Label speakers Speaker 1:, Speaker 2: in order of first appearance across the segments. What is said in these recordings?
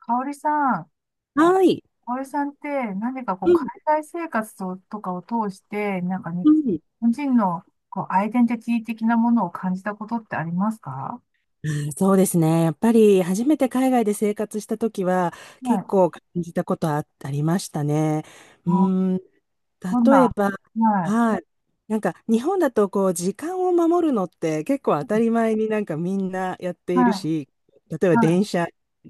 Speaker 1: かおりさん、か
Speaker 2: はい。
Speaker 1: おりさんって何かこう
Speaker 2: うん、
Speaker 1: 海外生活とかを通して、なんかに、日
Speaker 2: うん。
Speaker 1: 本人のこうアイデンティティ的なものを感じたことってありますか？
Speaker 2: あー、そうですね。やっぱり初めて海外で生活した時は
Speaker 1: は
Speaker 2: 結
Speaker 1: い。
Speaker 2: 構感じたことはあ、ありましたね。うー
Speaker 1: あ、
Speaker 2: ん、
Speaker 1: どん
Speaker 2: 例え
Speaker 1: な、
Speaker 2: ば、
Speaker 1: はい、
Speaker 2: はい。なんか日本だとこう時間を守るのって結構当たり前になんかみんなやって
Speaker 1: は
Speaker 2: いるし、例え
Speaker 1: い、
Speaker 2: ば電
Speaker 1: は
Speaker 2: 車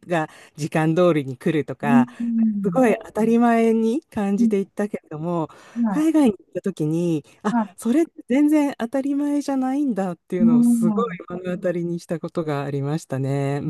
Speaker 2: が時間通りに来ると
Speaker 1: い。うん、
Speaker 2: か、
Speaker 1: う
Speaker 2: す
Speaker 1: ん、
Speaker 2: ごい当たり前に感
Speaker 1: う
Speaker 2: じ
Speaker 1: ん、
Speaker 2: ていったけれども、
Speaker 1: は
Speaker 2: 海外に行った時に、
Speaker 1: い、
Speaker 2: あ、
Speaker 1: は
Speaker 2: それって全然当たり前じゃないんだってい
Speaker 1: い。う
Speaker 2: うのをすごい
Speaker 1: ん。
Speaker 2: 目の当たりにしたことがありましたね。う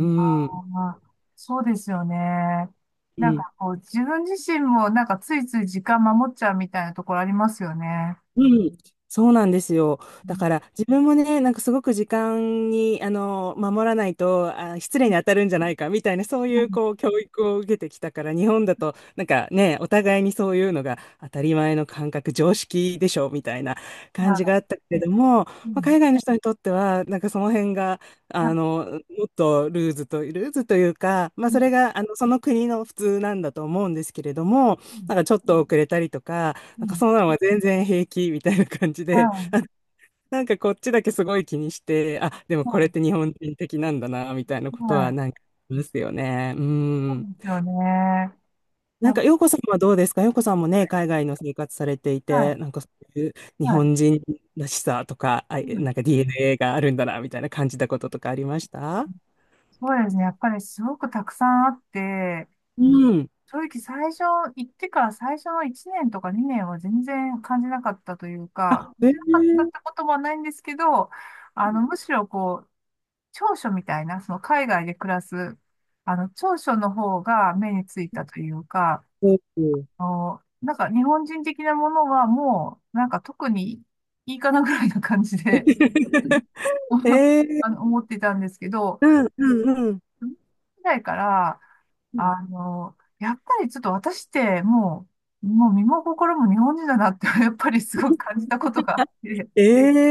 Speaker 2: ん。
Speaker 1: あー、そうですよね。
Speaker 2: う
Speaker 1: なん
Speaker 2: ん、
Speaker 1: かこう、自分自身もなんかついつい時間守っちゃうみたいなところありますよね。
Speaker 2: うん、そうなんですよ。
Speaker 1: う
Speaker 2: だ
Speaker 1: ん、
Speaker 2: から自分もね、なんかすごく時間に守らないと失礼に当たるんじゃないかみたいな、そう
Speaker 1: は
Speaker 2: いう
Speaker 1: い、
Speaker 2: こう教育を受けてきたから、日本だとなんかね、お互いにそういうのが当たり前の感覚、常識でしょみたいな感じがあ
Speaker 1: は
Speaker 2: ったけれども、ま
Speaker 1: い。う
Speaker 2: あ、
Speaker 1: ん、
Speaker 2: 海外の人にとってはなんかその辺が
Speaker 1: は
Speaker 2: あ
Speaker 1: い、
Speaker 2: のもっとルーズというか、まあ、それがあのその国の普通なんだと思うんですけれども、
Speaker 1: う
Speaker 2: な
Speaker 1: ん、
Speaker 2: んかちょっと遅れたりとか、
Speaker 1: う
Speaker 2: なんか
Speaker 1: ん、
Speaker 2: そんなのが全然平気みたいな感じ
Speaker 1: う
Speaker 2: で、
Speaker 1: ん、
Speaker 2: なんかこっちだけすごい気にして、あ、でもこれっ
Speaker 1: は
Speaker 2: て日本人的なんだな、みたいなこ
Speaker 1: い、
Speaker 2: と
Speaker 1: は
Speaker 2: はな
Speaker 1: い。
Speaker 2: んかありますよね。う
Speaker 1: そうで
Speaker 2: ん。
Speaker 1: すよね。
Speaker 2: なん
Speaker 1: や
Speaker 2: か、洋子さんはどうですか？洋子さんもね、海外の生活されていて、
Speaker 1: は
Speaker 2: なんかそういう
Speaker 1: い、
Speaker 2: 日
Speaker 1: はい。
Speaker 2: 本人らしさとか、あ、
Speaker 1: うん。
Speaker 2: なんか DNA があるんだな、みたいな感じたこととかありました？
Speaker 1: そうですね。やっぱりすごくたくさんあって、
Speaker 2: うん。
Speaker 1: 正直最初、行ってから最初の1年とか2年は全然感じなかったというか、
Speaker 2: あ、
Speaker 1: 感
Speaker 2: え
Speaker 1: じなかったっ
Speaker 2: ー、
Speaker 1: てこともないんですけど、
Speaker 2: う
Speaker 1: あ
Speaker 2: ん。
Speaker 1: の、むしろこう、長所みたいな、その海外で暮らす、あの、長所の方が目についたというか、あの、なんか日本人的なものはもう、なんか特にいいかなぐらいな感じで、
Speaker 2: えー、
Speaker 1: あの、思ってたんですけど、
Speaker 2: うん、うん、
Speaker 1: ぐらいから、
Speaker 2: うん。
Speaker 1: あの、やっぱりちょっと私ってもう身も心も日本人だなって やっぱりすごく感じたことがあって、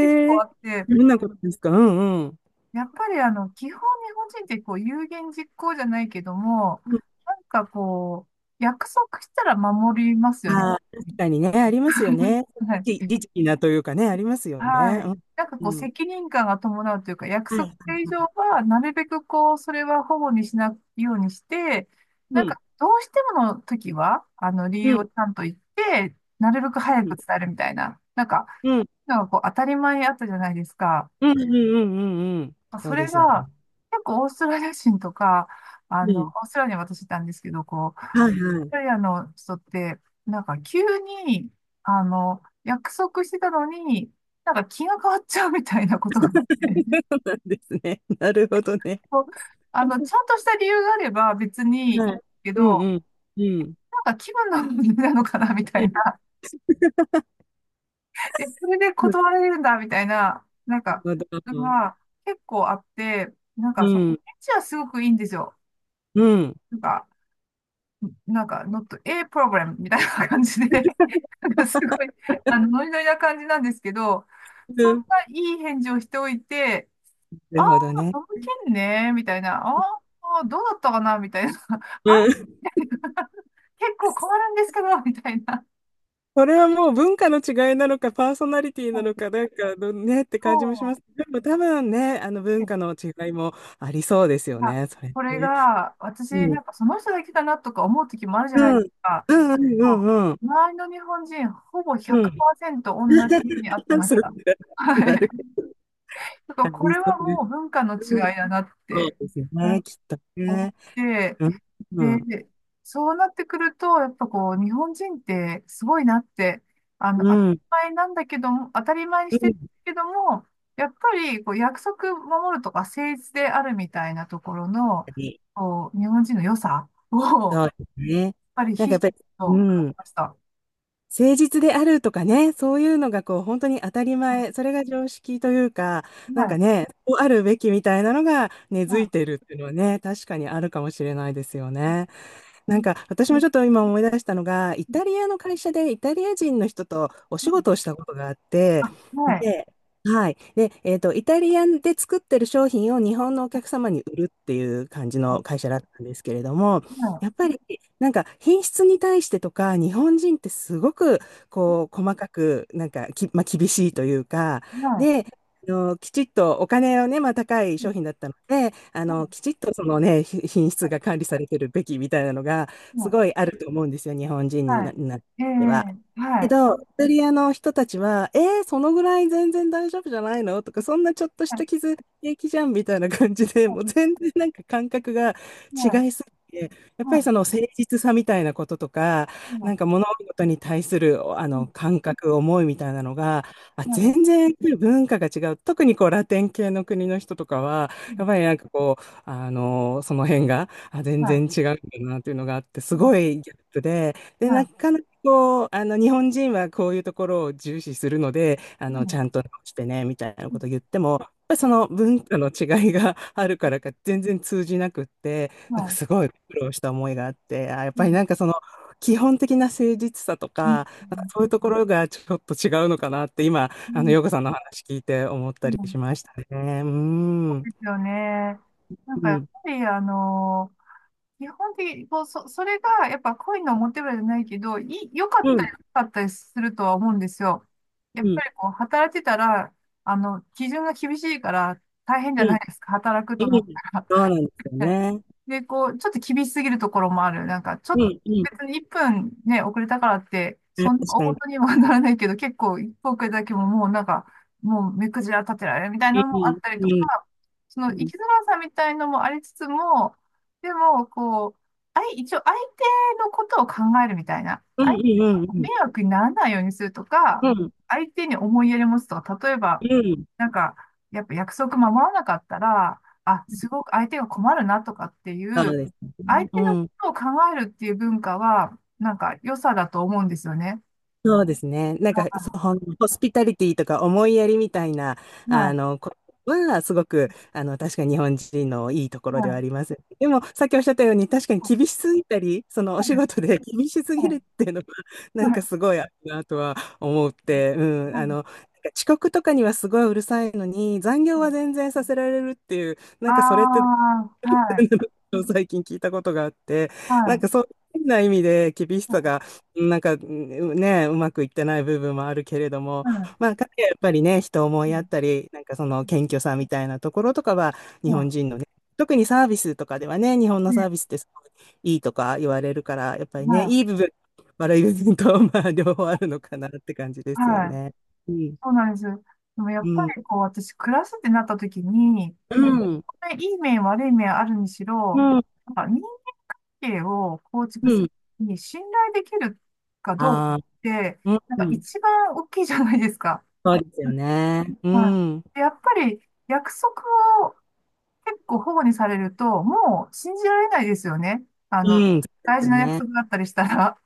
Speaker 1: 結構あ
Speaker 2: え、
Speaker 1: って、
Speaker 2: どんなことですか？うん、うん。
Speaker 1: やっぱりあの、基本日本人ってこう、有言実行じゃないけども、
Speaker 2: うん、
Speaker 1: なんかこう、約束したら守りますよね。
Speaker 2: ああ、確かにね、ありますよね。
Speaker 1: はい、
Speaker 2: リ儀律儀なというかね、ありますよ
Speaker 1: は
Speaker 2: ね。
Speaker 1: い。
Speaker 2: うん。
Speaker 1: なんかこう、
Speaker 2: うん。
Speaker 1: 責任感が伴うというか、約
Speaker 2: はい、は
Speaker 1: 束
Speaker 2: い、は
Speaker 1: 以上
Speaker 2: い。
Speaker 1: は、なるべくこう、それは保護にしないようにして、
Speaker 2: う
Speaker 1: なん
Speaker 2: ん。
Speaker 1: か、どうしてもの時は、あの、理
Speaker 2: う
Speaker 1: 由
Speaker 2: ん。
Speaker 1: をちゃんと言って、なるべく
Speaker 2: う
Speaker 1: 早く
Speaker 2: ん。
Speaker 1: 伝えるみたいな、なんか、
Speaker 2: うん。
Speaker 1: 当たり前あったじゃないですか。
Speaker 2: うん。うん。うん、うん、うん、そ
Speaker 1: そ
Speaker 2: う
Speaker 1: れ
Speaker 2: ですよね。
Speaker 1: が、結構オーストラリア人とか、あ
Speaker 2: う
Speaker 1: の、オ
Speaker 2: ん。
Speaker 1: ーストラリアに私いたんですけど、こう、オー
Speaker 2: はい、は
Speaker 1: スト
Speaker 2: い。
Speaker 1: ラリアの人って、なんか急に、あの、約束してたのに、なんか気が変わっちゃうみたいなことがあって、
Speaker 2: そうなんですね。なるほど ね。
Speaker 1: そう、あの、ちゃんとした理由があれば別にいい
Speaker 2: はい。
Speaker 1: け
Speaker 2: うん、
Speaker 1: ど、
Speaker 2: うん。うん。
Speaker 1: なんか気分の問題なのかなみた
Speaker 2: う
Speaker 1: い
Speaker 2: ん。
Speaker 1: な、え、それで断られるんだみたいな、なんか、
Speaker 2: なるほ
Speaker 1: の
Speaker 2: ど。
Speaker 1: が結構あって、なん
Speaker 2: う
Speaker 1: かその、
Speaker 2: ん。
Speaker 1: エッチはすごくいいんですよ。
Speaker 2: うん。うん、
Speaker 1: なんか、not a problem みたいな感じで、なんかすごい、あの、ノリノリな感じなんですけど、そんないい返事をしておいて、
Speaker 2: な
Speaker 1: あ
Speaker 2: る
Speaker 1: あ、
Speaker 2: ほどね。
Speaker 1: その件ね、みたいな、ああ、どうだったかな、みたいな、あれ結構困るんですけど、みたいな。
Speaker 2: それはもう文化の違いなのか、パーソナリティ
Speaker 1: は
Speaker 2: な
Speaker 1: い、
Speaker 2: のか、なんかどねって
Speaker 1: そ
Speaker 2: 感じもしま
Speaker 1: う
Speaker 2: す。でも多分ね、あの文
Speaker 1: で、
Speaker 2: 化の違いもありそうです
Speaker 1: い
Speaker 2: よ
Speaker 1: や、
Speaker 2: ね、それ
Speaker 1: これ
Speaker 2: ね。
Speaker 1: が、私、
Speaker 2: う
Speaker 1: なんか
Speaker 2: ん。
Speaker 1: その人だけだなとか思う時もあるじゃ
Speaker 2: う
Speaker 1: ないです
Speaker 2: ん。
Speaker 1: か。
Speaker 2: うん、うん、
Speaker 1: そう、
Speaker 2: うん、うん。
Speaker 1: 周りの日本人、ほぼ
Speaker 2: うん。
Speaker 1: 100%同じ目に遭って まし
Speaker 2: そっか。
Speaker 1: た。は
Speaker 2: なるほ
Speaker 1: い。
Speaker 2: ど。
Speaker 1: ちょっとか、
Speaker 2: あ
Speaker 1: こ
Speaker 2: り
Speaker 1: れ
Speaker 2: そ
Speaker 1: は
Speaker 2: うです。
Speaker 1: もう文化の違
Speaker 2: うん。
Speaker 1: いだなっ
Speaker 2: そう
Speaker 1: て、
Speaker 2: ですよ
Speaker 1: う
Speaker 2: ね、
Speaker 1: ん、
Speaker 2: きっと
Speaker 1: 思っ
Speaker 2: ね。
Speaker 1: て、
Speaker 2: うん。うん。
Speaker 1: で、そうなってくるとやっぱこう日本人ってすごいなって、あの、当た
Speaker 2: う
Speaker 1: り
Speaker 2: ん。
Speaker 1: 前なんだけども当たり前に
Speaker 2: う
Speaker 1: してる
Speaker 2: ん。
Speaker 1: けども、やっぱりこう約束守るとか誠実であるみたいなところの、こう日本人の良さを、やっ
Speaker 2: そうですね。
Speaker 1: ぱり
Speaker 2: なん
Speaker 1: 必
Speaker 2: かやっ
Speaker 1: 死
Speaker 2: ぱり、
Speaker 1: と
Speaker 2: う
Speaker 1: 感じ
Speaker 2: ん。
Speaker 1: ました。は
Speaker 2: 誠実であるとかね、そういうのがこう本当に当たり前、それが常識というか、
Speaker 1: い、
Speaker 2: なん
Speaker 1: は
Speaker 2: か
Speaker 1: い、
Speaker 2: ね、こうあるべきみたいなのが根付いてるっていうのはね、確かにあるかもしれないですよね。なんか私もちょっと今思い出したのが、イタリアの会社でイタリア人の人とお仕事をしたことがあって、
Speaker 1: はい、はい、はい、
Speaker 2: で、はい。で、イタリアンで作ってる商品を日本のお客様に売るっていう感じの会社だったんですけれども、
Speaker 1: は
Speaker 2: やっぱりなんか品質に対してとか、日本人ってすごくこう細かく、なんかき、まあ、厳しいというか、
Speaker 1: い、は
Speaker 2: で、あの、きちっとお金をね、まあ、高い
Speaker 1: い、は
Speaker 2: 商品だ
Speaker 1: い、
Speaker 2: ったので、あの、
Speaker 1: は
Speaker 2: きちっとそのね、品質が管理されてるべきみたいなのが、
Speaker 1: い、
Speaker 2: す
Speaker 1: は
Speaker 2: ご
Speaker 1: い、
Speaker 2: いあると思うんですよ、日本人に
Speaker 1: は
Speaker 2: な、
Speaker 1: い。
Speaker 2: なっ
Speaker 1: え
Speaker 2: ては。
Speaker 1: え、は
Speaker 2: け
Speaker 1: い。
Speaker 2: ど、イタリアの人たちは、えー、そのぐらい全然大丈夫じゃないのとか、そんなちょっとし
Speaker 1: は
Speaker 2: た
Speaker 1: い。
Speaker 2: 傷平気じゃんみたいな感じで、もう全然なんか感覚が
Speaker 1: はい。
Speaker 2: 違いすぎて、やっぱりその
Speaker 1: は
Speaker 2: 誠実さみたいなこととか、
Speaker 1: い。はい。は
Speaker 2: なんか
Speaker 1: い。
Speaker 2: 物事に対するあ
Speaker 1: う
Speaker 2: の感覚、思いみたいなのが、あ、
Speaker 1: ん、はい。
Speaker 2: 全然文化が違う。特にこうラテン系の国の人とかは、
Speaker 1: うん、
Speaker 2: やっぱりなんかこう、あの、その辺が、あ、全然
Speaker 1: は
Speaker 2: 違うんだなっていうのがあって、
Speaker 1: い。
Speaker 2: す
Speaker 1: は
Speaker 2: ごいギャップで、
Speaker 1: い。
Speaker 2: で、な
Speaker 1: は
Speaker 2: かなかこう、あの、日本人はこういうところを重視するので、あ
Speaker 1: い。は
Speaker 2: の、ちゃん
Speaker 1: い。
Speaker 2: と直してね、みたいな
Speaker 1: う
Speaker 2: こ
Speaker 1: ん、
Speaker 2: とを言っても、やっぱりその文化の違いが あるからか全然通じなくって、なんか
Speaker 1: は
Speaker 2: すごい苦労した思いがあって、あ、やっ
Speaker 1: い。う
Speaker 2: ぱ
Speaker 1: ん。
Speaker 2: りなんかその基本的な誠実さと
Speaker 1: うん。
Speaker 2: か、なんか
Speaker 1: う
Speaker 2: そういうところがちょっと違うのかなって今、あの、ヨ子
Speaker 1: ん。
Speaker 2: さんの話聞いて思っ
Speaker 1: う
Speaker 2: たり
Speaker 1: ん。
Speaker 2: しましたね。う
Speaker 1: そ
Speaker 2: ん。う
Speaker 1: うですよね。なんか、やっ
Speaker 2: ん。
Speaker 1: ぱり、あの、基本的に、こう、それが、やっぱ恋のモテブラじゃないけど、良か
Speaker 2: う
Speaker 1: ったり、
Speaker 2: ん。
Speaker 1: 良かったりするとは思うんですよ。
Speaker 2: う
Speaker 1: やっ
Speaker 2: ん。
Speaker 1: ぱり、こう、働いてたら、あの、基準が厳しいから、大変じ
Speaker 2: う
Speaker 1: ゃな
Speaker 2: ん。
Speaker 1: いですか、働く
Speaker 2: う
Speaker 1: となっ
Speaker 2: ん。
Speaker 1: たら。
Speaker 2: そうなんですよ
Speaker 1: はい。
Speaker 2: ね。
Speaker 1: で、こう、ちょっと厳しすぎるところもある。なんか、ちょっ
Speaker 2: う
Speaker 1: と、
Speaker 2: ん。うん。
Speaker 1: 別に1分ね、遅れたからって、
Speaker 2: 確
Speaker 1: そんな大
Speaker 2: かに、
Speaker 1: 事にはならないけど、結構1分遅れただけももうなんか、もう目くじら立てられるみたい
Speaker 2: う
Speaker 1: なのもあ
Speaker 2: ん、
Speaker 1: ったり
Speaker 2: う
Speaker 1: と
Speaker 2: ん、
Speaker 1: か、そ
Speaker 2: う
Speaker 1: の生
Speaker 2: ん。
Speaker 1: きづらさみたいのもありつつも、でも、こう、一応相手のことを考えるみたいな、
Speaker 2: うん、
Speaker 1: 相
Speaker 2: う
Speaker 1: 手
Speaker 2: ん、うん、
Speaker 1: の
Speaker 2: う
Speaker 1: 迷
Speaker 2: ん。
Speaker 1: 惑にならないようにすると
Speaker 2: う
Speaker 1: か、
Speaker 2: ん、
Speaker 1: 相手に思いやり持つとか、例え
Speaker 2: う
Speaker 1: ば、
Speaker 2: ん、うん、うん、
Speaker 1: なんか、やっぱ約束守らなかったら、あ、すごく相手が困るなとかってい
Speaker 2: そう
Speaker 1: う、
Speaker 2: です
Speaker 1: 相
Speaker 2: ね。う
Speaker 1: 手のこ
Speaker 2: ん。
Speaker 1: とを考えるっていう文化は、なんか良さだと思うんですよね。
Speaker 2: そうですね。なんか、
Speaker 1: は
Speaker 2: そうホスピタリティとか思いやりみたいな、
Speaker 1: い、は
Speaker 2: あ
Speaker 1: い、
Speaker 2: の、こは、すごく、あの、確かに日本人のいいところ
Speaker 1: は
Speaker 2: ではあ
Speaker 1: い、
Speaker 2: ります。でも、さっきおっしゃったように、確かに厳しすぎたり、その、お仕事で厳しす
Speaker 1: は
Speaker 2: ぎる
Speaker 1: い、
Speaker 2: っていうのは、な
Speaker 1: は
Speaker 2: ん
Speaker 1: い。
Speaker 2: かすごいあるなとは思って、う
Speaker 1: う
Speaker 2: ん、あ
Speaker 1: ん、
Speaker 2: の、なんか遅刻とかにはすごいうるさいのに、残業は全然させられるっていう、な
Speaker 1: あ
Speaker 2: んかそれって
Speaker 1: あ、はい、
Speaker 2: 最近聞いたことがあって、
Speaker 1: は
Speaker 2: なん
Speaker 1: い、
Speaker 2: かそういう変な意味で厳し
Speaker 1: は
Speaker 2: さ
Speaker 1: い、
Speaker 2: が、なんかうんね、うまくいってない部分もあるけれども、
Speaker 1: はい、
Speaker 2: まあ、彼はやっぱりね、人を思いやったり、なんかその謙虚さみたいなところとかは、日本
Speaker 1: は
Speaker 2: 人のね、特にサービスとかではね、日本のサービ
Speaker 1: い、
Speaker 2: スってすごいいいとか言われるから、やっぱり
Speaker 1: は
Speaker 2: ね、いい
Speaker 1: い、
Speaker 2: 部分、悪い部分と、まあ、両方あるのかなって感じですよ
Speaker 1: はい。
Speaker 2: ね。うん、
Speaker 1: そうなんです。でもや
Speaker 2: う
Speaker 1: っぱ
Speaker 2: ん、
Speaker 1: りこう、私、暮らすってなった時に、
Speaker 2: う
Speaker 1: なんか、
Speaker 2: ん、
Speaker 1: いい面、悪い面あるにし
Speaker 2: う
Speaker 1: ろ、
Speaker 2: ん、
Speaker 1: なんか人係を構築
Speaker 2: う
Speaker 1: す
Speaker 2: ん。
Speaker 1: るに信頼できるかどうか
Speaker 2: あ
Speaker 1: って、
Speaker 2: あ、
Speaker 1: なん
Speaker 2: う
Speaker 1: か
Speaker 2: ん、
Speaker 1: 一番大きいじゃないですか。
Speaker 2: そうですよね。う
Speaker 1: は
Speaker 2: ん。
Speaker 1: い。やっぱり約束を結構保護にされると、もう信じられないですよね。あの、
Speaker 2: うん、そうで
Speaker 1: 大
Speaker 2: す
Speaker 1: 事
Speaker 2: よ
Speaker 1: な約
Speaker 2: ね。
Speaker 1: 束だったりしたら。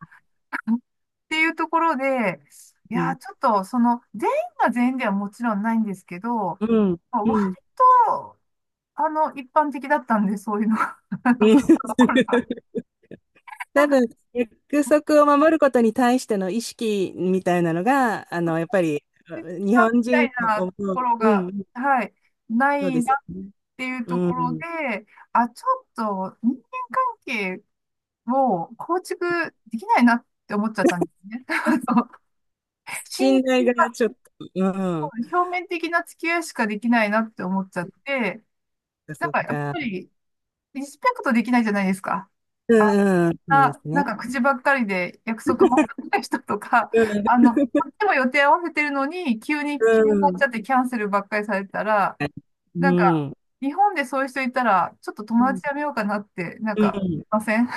Speaker 1: っていうところで、い
Speaker 2: う
Speaker 1: やー、
Speaker 2: ん。
Speaker 1: ちょっと、その、全員が全員ではもちろんないんですけど、
Speaker 2: うん。うん。
Speaker 1: まあ割
Speaker 2: うん。
Speaker 1: と、あの、一般的だったんで、そういうのが。そういうところが
Speaker 2: 多分、約束を守ることに対しての意識みたいなのが、あの、やっぱり、
Speaker 1: 切
Speaker 2: 日
Speaker 1: さみ
Speaker 2: 本
Speaker 1: た
Speaker 2: 人
Speaker 1: い
Speaker 2: と
Speaker 1: な
Speaker 2: 思
Speaker 1: とこ
Speaker 2: う。
Speaker 1: ろ
Speaker 2: う
Speaker 1: が、
Speaker 2: ん。
Speaker 1: はい、な
Speaker 2: そう
Speaker 1: い
Speaker 2: です
Speaker 1: な
Speaker 2: よ
Speaker 1: っ
Speaker 2: ね。
Speaker 1: ていう
Speaker 2: う
Speaker 1: ところ
Speaker 2: ん。
Speaker 1: で、あ、ちょっと人間関係を構築できないなって思っちゃったんですね。あの、信
Speaker 2: 信頼
Speaker 1: 頼
Speaker 2: が
Speaker 1: が
Speaker 2: ちょっと、うん。
Speaker 1: 表面的な付き合いしかできないなって思っちゃって、なん
Speaker 2: そっ
Speaker 1: かやっ
Speaker 2: か。
Speaker 1: ぱりリスペクトできないじゃないですか。
Speaker 2: う
Speaker 1: あ、
Speaker 2: ん、うん。そうです
Speaker 1: な、なん
Speaker 2: ね。
Speaker 1: か口ばっかりで約束も守らない人とか、
Speaker 2: う
Speaker 1: あの、こっちも予定合わせてるのに、急に決めちゃっ
Speaker 2: ん。
Speaker 1: てキャンセルばっかりされたら、な
Speaker 2: う
Speaker 1: ん
Speaker 2: ん。
Speaker 1: か、
Speaker 2: うん。
Speaker 1: 日本でそういう人いたら、ちょっと
Speaker 2: う
Speaker 1: 友達
Speaker 2: ん。
Speaker 1: やめようかなって、なん
Speaker 2: う
Speaker 1: か、
Speaker 2: ん、
Speaker 1: ません。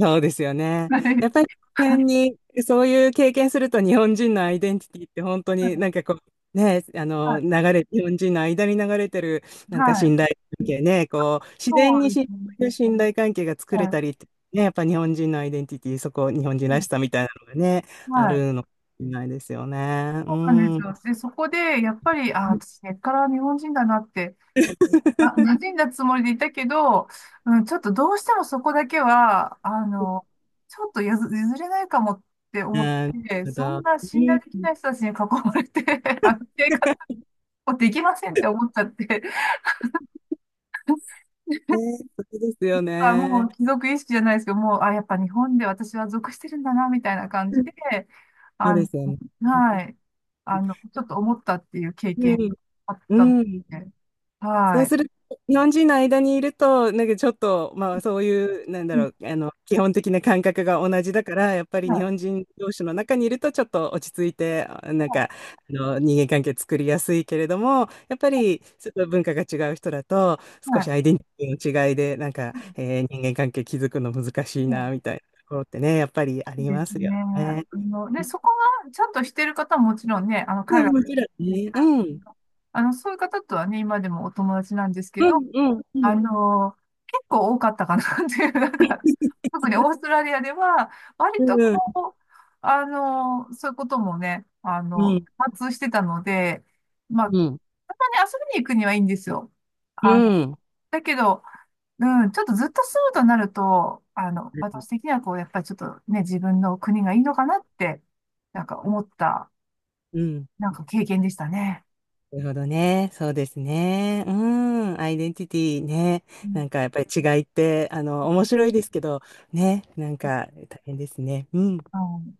Speaker 2: そうですよ ね。
Speaker 1: は
Speaker 2: やっぱ
Speaker 1: い。
Speaker 2: り、この辺に、そういう経験すると日本人のアイデンティティって本当になん かこう、ね、あの、流
Speaker 1: は
Speaker 2: れ、日本人の間に流れてる、
Speaker 1: い。
Speaker 2: なんか
Speaker 1: はい。
Speaker 2: 信頼関係ね、こう、自然
Speaker 1: そ
Speaker 2: に
Speaker 1: うですね。
Speaker 2: 信頼関係が作
Speaker 1: は
Speaker 2: れ
Speaker 1: い。
Speaker 2: たりって、ね、やっぱ日本人のアイデンティティ、そこ、日本人らしさみたいなのがね、あ
Speaker 1: はい。
Speaker 2: るのかもしれないですよね。う
Speaker 1: そうなんですよ。
Speaker 2: ん。
Speaker 1: で、そこで、やっぱり、あ、私、根っから日本人だなって、な、馴 染んだつもりでいたけど、うん、ちょっとどうしてもそこだけは、あの、ちょっとやず譲れないかもって思っ
Speaker 2: なる
Speaker 1: て、
Speaker 2: ほ
Speaker 1: そん
Speaker 2: ど。
Speaker 1: な
Speaker 2: う
Speaker 1: 信頼
Speaker 2: ん。
Speaker 1: できない人たちに囲まれて、あの、生活 もできませんって思っちゃって、
Speaker 2: ね、そうですよ
Speaker 1: あ、も
Speaker 2: ね。
Speaker 1: う貴族意識じゃないですけど、もう、あ、やっぱ日本で私は属してるんだな、みたいな感じで、
Speaker 2: そう
Speaker 1: あ
Speaker 2: で
Speaker 1: の、
Speaker 2: すよね。
Speaker 1: はい。あの、ちょっと思ったっていう経験
Speaker 2: うん。
Speaker 1: があったの
Speaker 2: うん。
Speaker 1: で、
Speaker 2: そ
Speaker 1: は
Speaker 2: う
Speaker 1: い。
Speaker 2: すると、日本人の間にいると、なんかちょっと、まあそういう、なん
Speaker 1: う
Speaker 2: だ
Speaker 1: ん、
Speaker 2: ろう、あの、基本的な感覚が同じだから、やっぱり
Speaker 1: は
Speaker 2: 日
Speaker 1: い。
Speaker 2: 本人同士の中にいると、ちょっと落ち着いて、あ、なん
Speaker 1: は
Speaker 2: か、あの、人間関係作りやすいけれども、やっぱり、ちょっと文化が違う人だと、
Speaker 1: い。は
Speaker 2: 少しアイ
Speaker 1: い、
Speaker 2: デンティティの違いで、なんか、
Speaker 1: うん、
Speaker 2: えー、人間関係築くの難しい
Speaker 1: う
Speaker 2: な、
Speaker 1: ん、
Speaker 2: みたいなところってね、やっぱり
Speaker 1: そ
Speaker 2: あ
Speaker 1: う
Speaker 2: り
Speaker 1: です
Speaker 2: ますよ
Speaker 1: ね。
Speaker 2: ね。
Speaker 1: あの、で、そこがちゃんとしてる方はもちろんね、あの、
Speaker 2: う
Speaker 1: 海
Speaker 2: ん、
Speaker 1: 外、
Speaker 2: もちろんね。うん。
Speaker 1: あの、そういう方とはね、今でもお友達なんですけ
Speaker 2: う
Speaker 1: ど、
Speaker 2: ん、うん、う
Speaker 1: あ
Speaker 2: ん。
Speaker 1: の、結構多かったかなっていう、なんか、特にオーストラリアでは、割
Speaker 2: う
Speaker 1: と
Speaker 2: ん、
Speaker 1: こう、あの、そういうこともね、あ
Speaker 2: う
Speaker 1: の、
Speaker 2: ん、
Speaker 1: 多発してたので、まあ、た
Speaker 2: うん。
Speaker 1: まに遊びに行くにはいいんですよ。
Speaker 2: う
Speaker 1: あの、
Speaker 2: ん。
Speaker 1: だけど、うん、ちょっとずっと住むとなると、あの、私的にはこう、やっぱりちょっとね、自分の国がいいのかなって、なんか思った、
Speaker 2: うん。
Speaker 1: なんか経験でしたね。
Speaker 2: なるほどね。そうですね。うん。アイデンティティね。
Speaker 1: うん、
Speaker 2: なんかやっぱり違いって、あの、面白いですけど、ね。なんか大変ですね。うん。
Speaker 1: うん